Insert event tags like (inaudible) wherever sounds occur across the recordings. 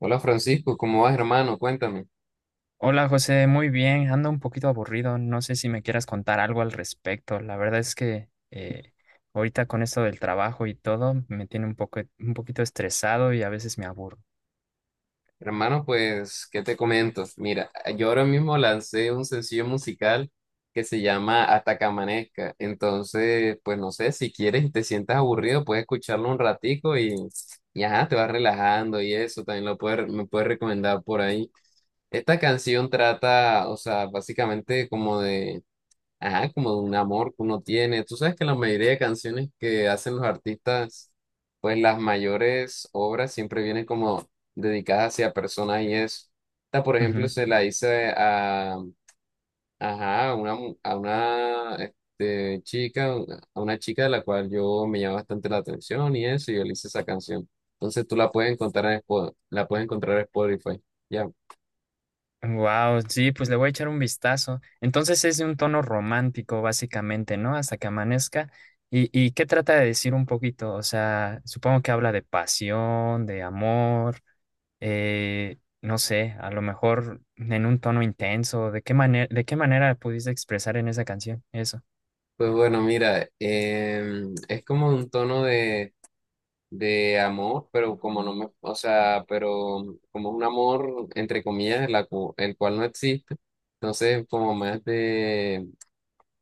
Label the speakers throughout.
Speaker 1: Hola Francisco, ¿cómo vas, hermano? Cuéntame.
Speaker 2: Hola José, muy bien, ando un poquito aburrido, no sé si me quieras contar algo al respecto. La verdad es que ahorita con esto del trabajo y todo me tiene un poquito estresado y a veces me aburro.
Speaker 1: Hermano, pues, ¿qué te comento? Mira, yo ahora mismo lancé un sencillo musical que se llama Hasta que amanezca. Entonces, pues no sé, si quieres y te sientas aburrido, puedes escucharlo un ratico y ajá, te vas relajando y eso, también lo puedes, me puedes recomendar por ahí. Esta canción trata, o sea, básicamente como de ajá, como de un amor que uno tiene. Tú sabes que la mayoría de canciones que hacen los artistas, pues las mayores obras siempre vienen como dedicadas hacia personas y eso. Esta, por ejemplo, se la hice a, ajá, a una, a una chica, a una chica de la cual yo me llama bastante la atención y eso, y yo le hice esa canción. Entonces tú la puedes encontrar en la puedes encontrar en Spotify. Ya.
Speaker 2: Wow, sí, pues le voy a echar un vistazo. Entonces es de un tono romántico básicamente, ¿no? Hasta que amanezca. ¿Y qué trata de decir un poquito? O sea, supongo que habla de pasión, de amor. No sé, a lo mejor en un tono intenso. ¿De qué manera pudiste expresar en esa canción eso?
Speaker 1: Pues bueno, mira, es como un tono de amor, pero como no me, o sea, pero como un amor, entre comillas, el cual no existe. Entonces, como más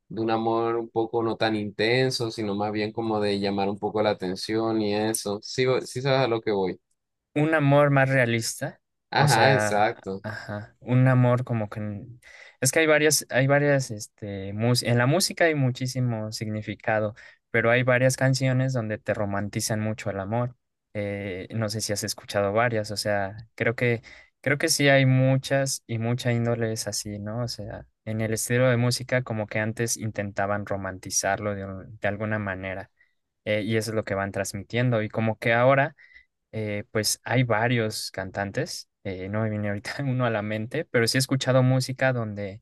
Speaker 1: de un amor un poco no tan intenso, sino más bien como de llamar un poco la atención y eso. Sí, sí sabes a lo que voy.
Speaker 2: Un amor más realista, o
Speaker 1: Ajá,
Speaker 2: sea,
Speaker 1: exacto.
Speaker 2: ajá, un amor como que es que hay varias, este, mus- en la música hay muchísimo significado, pero hay varias canciones donde te romantizan mucho el amor. No sé si has escuchado varias. O sea, creo que sí hay muchas y mucha índole es así, ¿no? O sea, en el estilo de música como que antes intentaban romantizarlo de alguna manera, y eso es lo que van transmitiendo, y como que ahora pues hay varios cantantes. No me viene ahorita (laughs) uno a la mente, pero sí he escuchado música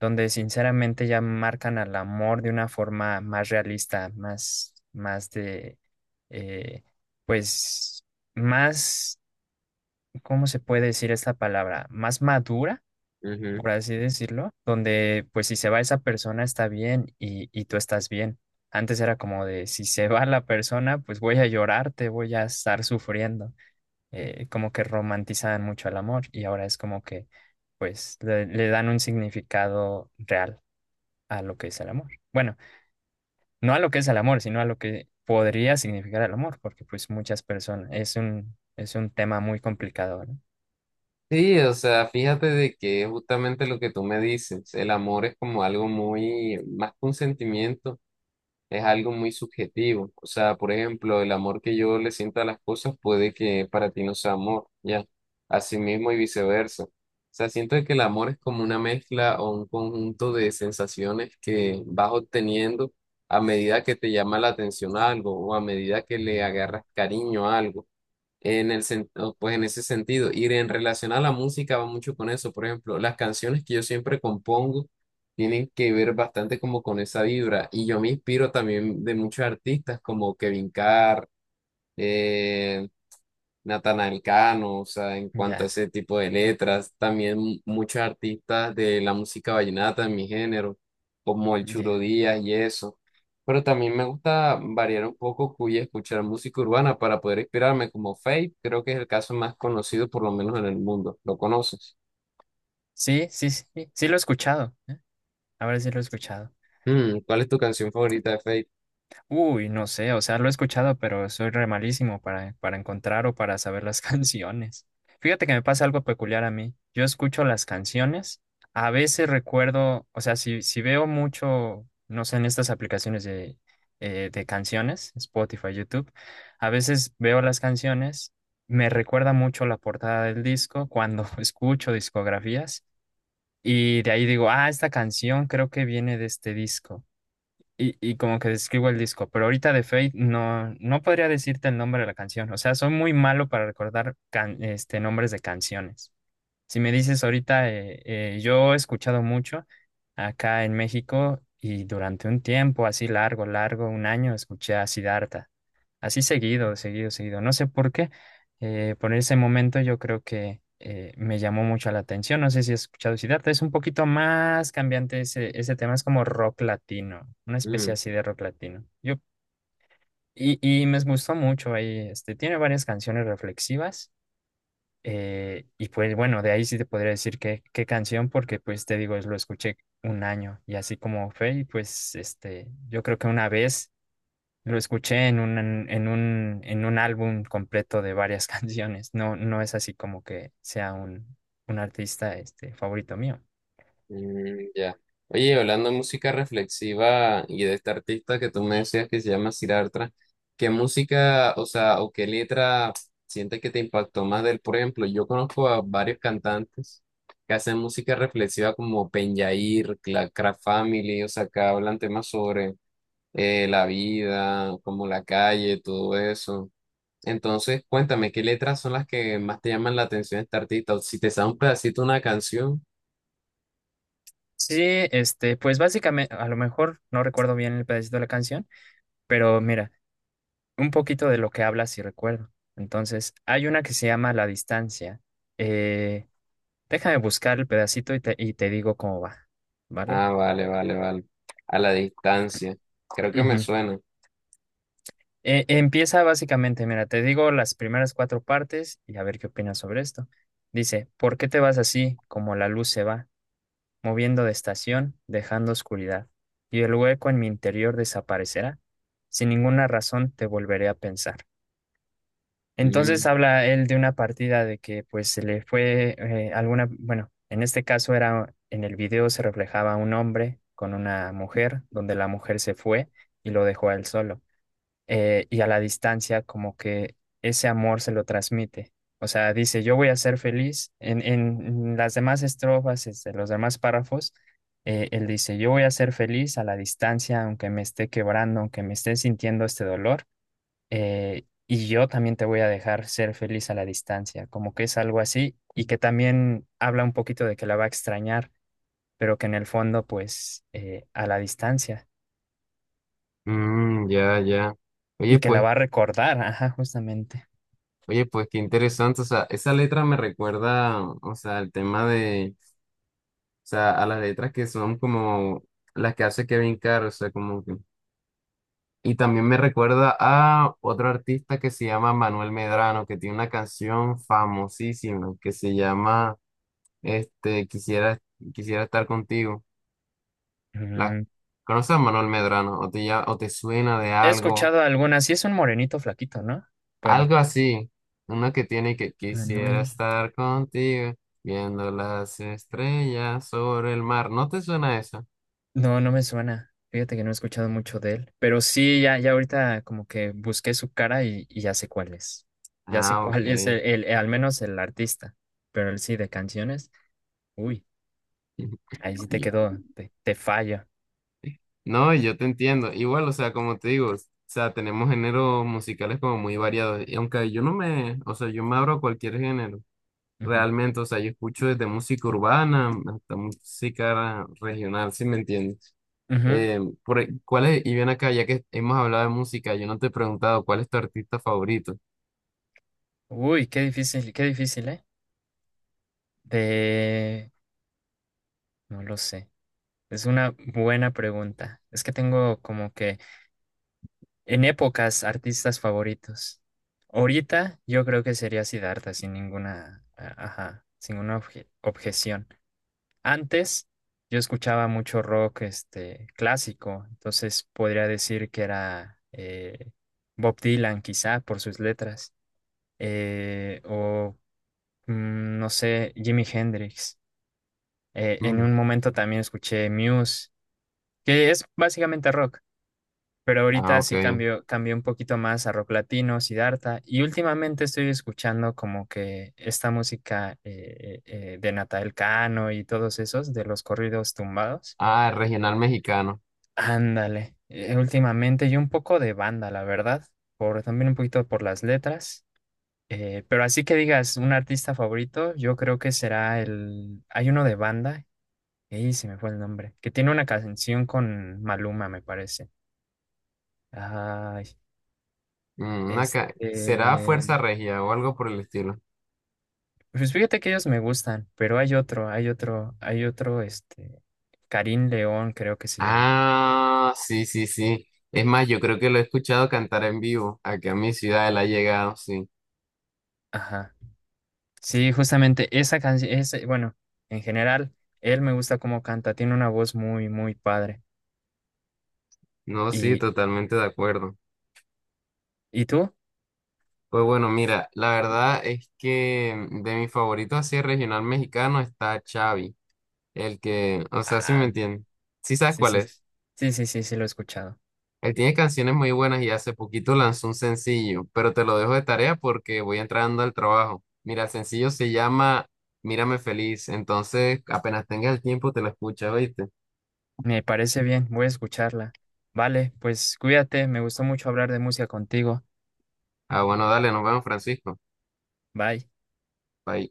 Speaker 2: donde sinceramente ya marcan al amor de una forma más realista. Más, más de, eh, pues, más, ¿Cómo se puede decir esta palabra? Más madura,
Speaker 1: Ujú.
Speaker 2: por así decirlo, donde pues si se va esa persona está bien y tú estás bien. Antes era como de si se va la persona, pues voy a llorarte, voy a estar sufriendo. Como que romantizaban mucho el amor y ahora es como que pues le dan un significado real a lo que es el amor. Bueno, no a lo que es el amor, sino a lo que podría significar el amor, porque pues muchas personas, es un tema muy complicado, ¿no?
Speaker 1: Sí, o sea, fíjate de que es justamente lo que tú me dices, el amor es como algo muy, más que un sentimiento es algo muy subjetivo. O sea, por ejemplo, el amor que yo le siento a las cosas puede que para ti no sea amor, ¿ya? Así mismo y viceversa. O sea, siento que el amor es como una mezcla o un conjunto de sensaciones que vas obteniendo a medida que te llama la atención algo o a medida que le
Speaker 2: Mm.
Speaker 1: agarras cariño a algo o, pues en ese sentido. Y en relación a la música va mucho con eso. Por ejemplo, las canciones que yo siempre compongo tienen que ver bastante como con esa vibra. Y yo me inspiro también de muchos artistas como Kevin Carr, eh, Natanael Cano, o sea, en cuanto a
Speaker 2: Ya,
Speaker 1: ese tipo de letras, también muchos artistas de la música vallenata en mi género, como el Churo
Speaker 2: ya.
Speaker 1: Díaz y eso. Pero también me gusta variar un poco y escuchar música urbana para poder inspirarme, como Faith, creo que es el caso más conocido por lo menos en el mundo. ¿Lo conoces?
Speaker 2: Sí, sí, sí, sí lo he escuchado. Ahora sí lo he escuchado.
Speaker 1: Mm, ¿cuál es tu canción favorita de Faith?
Speaker 2: Uy, no sé, o sea, lo he escuchado, pero soy re malísimo para encontrar o para saber las (laughs) canciones. Fíjate que me pasa algo peculiar a mí. Yo escucho las canciones, a veces recuerdo, o sea, si veo mucho, no sé, en estas aplicaciones de canciones, Spotify, YouTube, a veces veo las canciones, me recuerda mucho la portada del disco cuando (laughs) escucho discografías y de ahí digo, ah, esta canción creo que viene de este disco. Y como que describo el disco, pero ahorita de Fate no podría decirte el nombre de la canción. O sea, soy muy malo para recordar este, nombres de canciones. Si me dices ahorita, yo he escuchado mucho acá en México y durante un tiempo así largo, largo, un año, escuché a Siddhartha. Así seguido, seguido, seguido. No sé por qué. Por ese momento yo creo que me llamó mucho la atención. No sé si has escuchado Siddhartha. Es un poquito más cambiante ese tema. Es como rock latino. Una especie así de rock latino. Y me gustó mucho ahí. Este, tiene varias canciones reflexivas. Y pues bueno, de ahí sí te podría decir qué canción, porque pues te digo, es lo escuché un año y así como fue. Y pues este, yo creo que una vez lo escuché en un álbum completo de varias (laughs) canciones. No, no es así como que un artista este, favorito mío.
Speaker 1: Mm, ya. Oye, hablando de música reflexiva y de este artista que tú me decías que se llama Siddhartha, ¿qué música, o sea, o qué letra sientes que te impactó más de él? Por ejemplo, yo conozco a varios cantantes que hacen música reflexiva como Penjair, la Craft Family, o sea, que hablan temas sobre la vida, como la calle, todo eso. Entonces, cuéntame, ¿qué letras son las que más te llaman la atención de este artista? O si te sabes un pedacito de una canción.
Speaker 2: Sí, este, pues básicamente, a lo mejor no recuerdo bien el pedacito de la canción, pero mira, un poquito de lo que habla sí recuerdo. Entonces, hay una que se llama La Distancia. Eh, Déjame buscar el pedacito y te digo cómo va, ¿vale?
Speaker 1: Ah, vale, vale, vale. A la distancia. Creo que me
Speaker 2: Ujú.
Speaker 1: suena.
Speaker 2: Empieza básicamente, mira, te digo las primeras cuatro partes y a ver qué opinas sobre esto. Dice, ¿por qué te vas así como la luz se va, moviendo de estación, dejando oscuridad? Y el hueco en mi interior desaparecerá. Sin ninguna razón te volveré a pensar. Entonces
Speaker 1: Mm,
Speaker 2: habla él de una partida de que pues se le fue, alguna, bueno, en este caso era, en el video se reflejaba un hombre con una mujer, donde la mujer se fue y lo dejó a él solo. Y a la distancia como que ese amor se lo transmite. O sea, dice, yo voy a ser feliz. En las demás estrofas, este, los demás párrafos, él dice, yo voy a ser feliz a la distancia, aunque me esté quebrando, aunque me esté sintiendo este dolor, y yo también te voy a dejar ser feliz a la distancia, como que es algo así, y que también habla un poquito de que la va a extrañar, pero que en el fondo, pues, a la distancia,
Speaker 1: mm, ya, ya. Oye,
Speaker 2: y que la
Speaker 1: pues,
Speaker 2: va a recordar, ajá, justamente.
Speaker 1: oye, pues, qué interesante. O sea, esa letra me recuerda, o sea, el tema de, o sea, a las letras que son como las que hace Kevin Carr, o sea, como que. Y también me recuerda a otro artista que se llama Manuel Medrano, que tiene una canción famosísima que se llama, este, Quisiera, quisiera estar contigo. La,
Speaker 2: Ujú.
Speaker 1: ¿conoces a Manuel Medrano? ¿O te, o te suena de
Speaker 2: He
Speaker 1: algo?
Speaker 2: escuchado algunas. Sí, es un morenito flaquito, ¿no? Bueno,
Speaker 1: Algo así. Una que tiene que quisiera
Speaker 2: Manuel.
Speaker 1: estar contigo, viendo las estrellas sobre el mar. ¿No te suena eso?
Speaker 2: No, no me suena. Fíjate que no he escuchado mucho de él. Pero sí, ya, ya ahorita como que busqué su cara y ya sé cuál es. Ya sé
Speaker 1: Ah, ok.
Speaker 2: cuál es al menos el artista. Pero el sí, de canciones. Uy,
Speaker 1: (laughs)
Speaker 2: ahí sí te
Speaker 1: Y-
Speaker 2: quedó, te fallo.
Speaker 1: No, yo te entiendo. Igual, o sea, como te digo, o sea, tenemos géneros musicales como muy variados. Y aunque yo no me, o sea, yo me abro a cualquier género,
Speaker 2: Ujú,
Speaker 1: realmente, o sea, yo escucho desde música urbana hasta música regional, ¿sí me entiendes?
Speaker 2: ujú.
Speaker 1: Eh, ¿Cuál es? Y bien acá, ya que hemos hablado de música, yo no te he preguntado cuál es tu artista favorito.
Speaker 2: Uy, qué difícil, ¿eh? De... No lo sé. Es una buena pregunta. Es que tengo como que en épocas, artistas favoritos. Ahorita yo creo que sería Siddhartha sin ninguna, ajá, sin ninguna objeción. Antes yo escuchaba mucho rock este, clásico, entonces podría decir que era, Bob Dylan quizá por sus letras, eh, o no sé, Jimi Hendrix. En
Speaker 1: Mm,
Speaker 2: un momento también escuché Muse, que es básicamente rock. Pero
Speaker 1: ah,
Speaker 2: ahorita
Speaker 1: ok.
Speaker 2: sí cambio, cambié un poquito más a rock latino, Siddhartha, y últimamente estoy escuchando como que esta música, de Natal Cano y todos esos, de los corridos tumbados.
Speaker 1: Ah, regional mexicano.
Speaker 2: Ándale, últimamente y un poco de banda, la verdad, también un poquito por las letras. Pero así que digas, un artista favorito, yo creo que será el... Hay uno de banda, y se me fue el nombre, que tiene una canción con Maluma, me parece. Ay,
Speaker 1: Mm, acá, ¿será
Speaker 2: este...
Speaker 1: Fuerza Regia o algo por el estilo?
Speaker 2: Pues fíjate que ellos me gustan, pero hay otro, este, Karim León creo que se llama.
Speaker 1: Ah, sí, sí, sí. Es más, yo creo que lo he escuchado cantar en vivo. Aquí a mi ciudad él ha llegado, sí.
Speaker 2: Ajá. Sí, justamente esa canción, ese, bueno, en general, él me gusta cómo canta, tiene una voz muy, muy padre.
Speaker 1: No, sí,
Speaker 2: ¿Y,
Speaker 1: totalmente de acuerdo.
Speaker 2: ¿Y tú?
Speaker 1: Pues bueno, mira, la verdad es que de mi favorito así regional mexicano está Xavi, el que, o sea, sí me
Speaker 2: Ah,
Speaker 1: entiendes. ¿Sí sabes
Speaker 2: sí,
Speaker 1: cuál
Speaker 2: sí,
Speaker 1: es?
Speaker 2: sí, sí, lo he escuchado.
Speaker 1: Él tiene canciones muy buenas y hace poquito lanzó un sencillo, pero te lo dejo de tarea porque voy entrando al trabajo. Mira, el sencillo se llama Mírame Feliz, entonces apenas tengas el tiempo te lo escuchas, ¿oíste?
Speaker 2: Me parece bien, voy a escucharla. Vale, pues cuídate, me gustó mucho hablar de música contigo.
Speaker 1: Ah, bueno, dale, nos vemos, Francisco.
Speaker 2: Bye.
Speaker 1: Bye.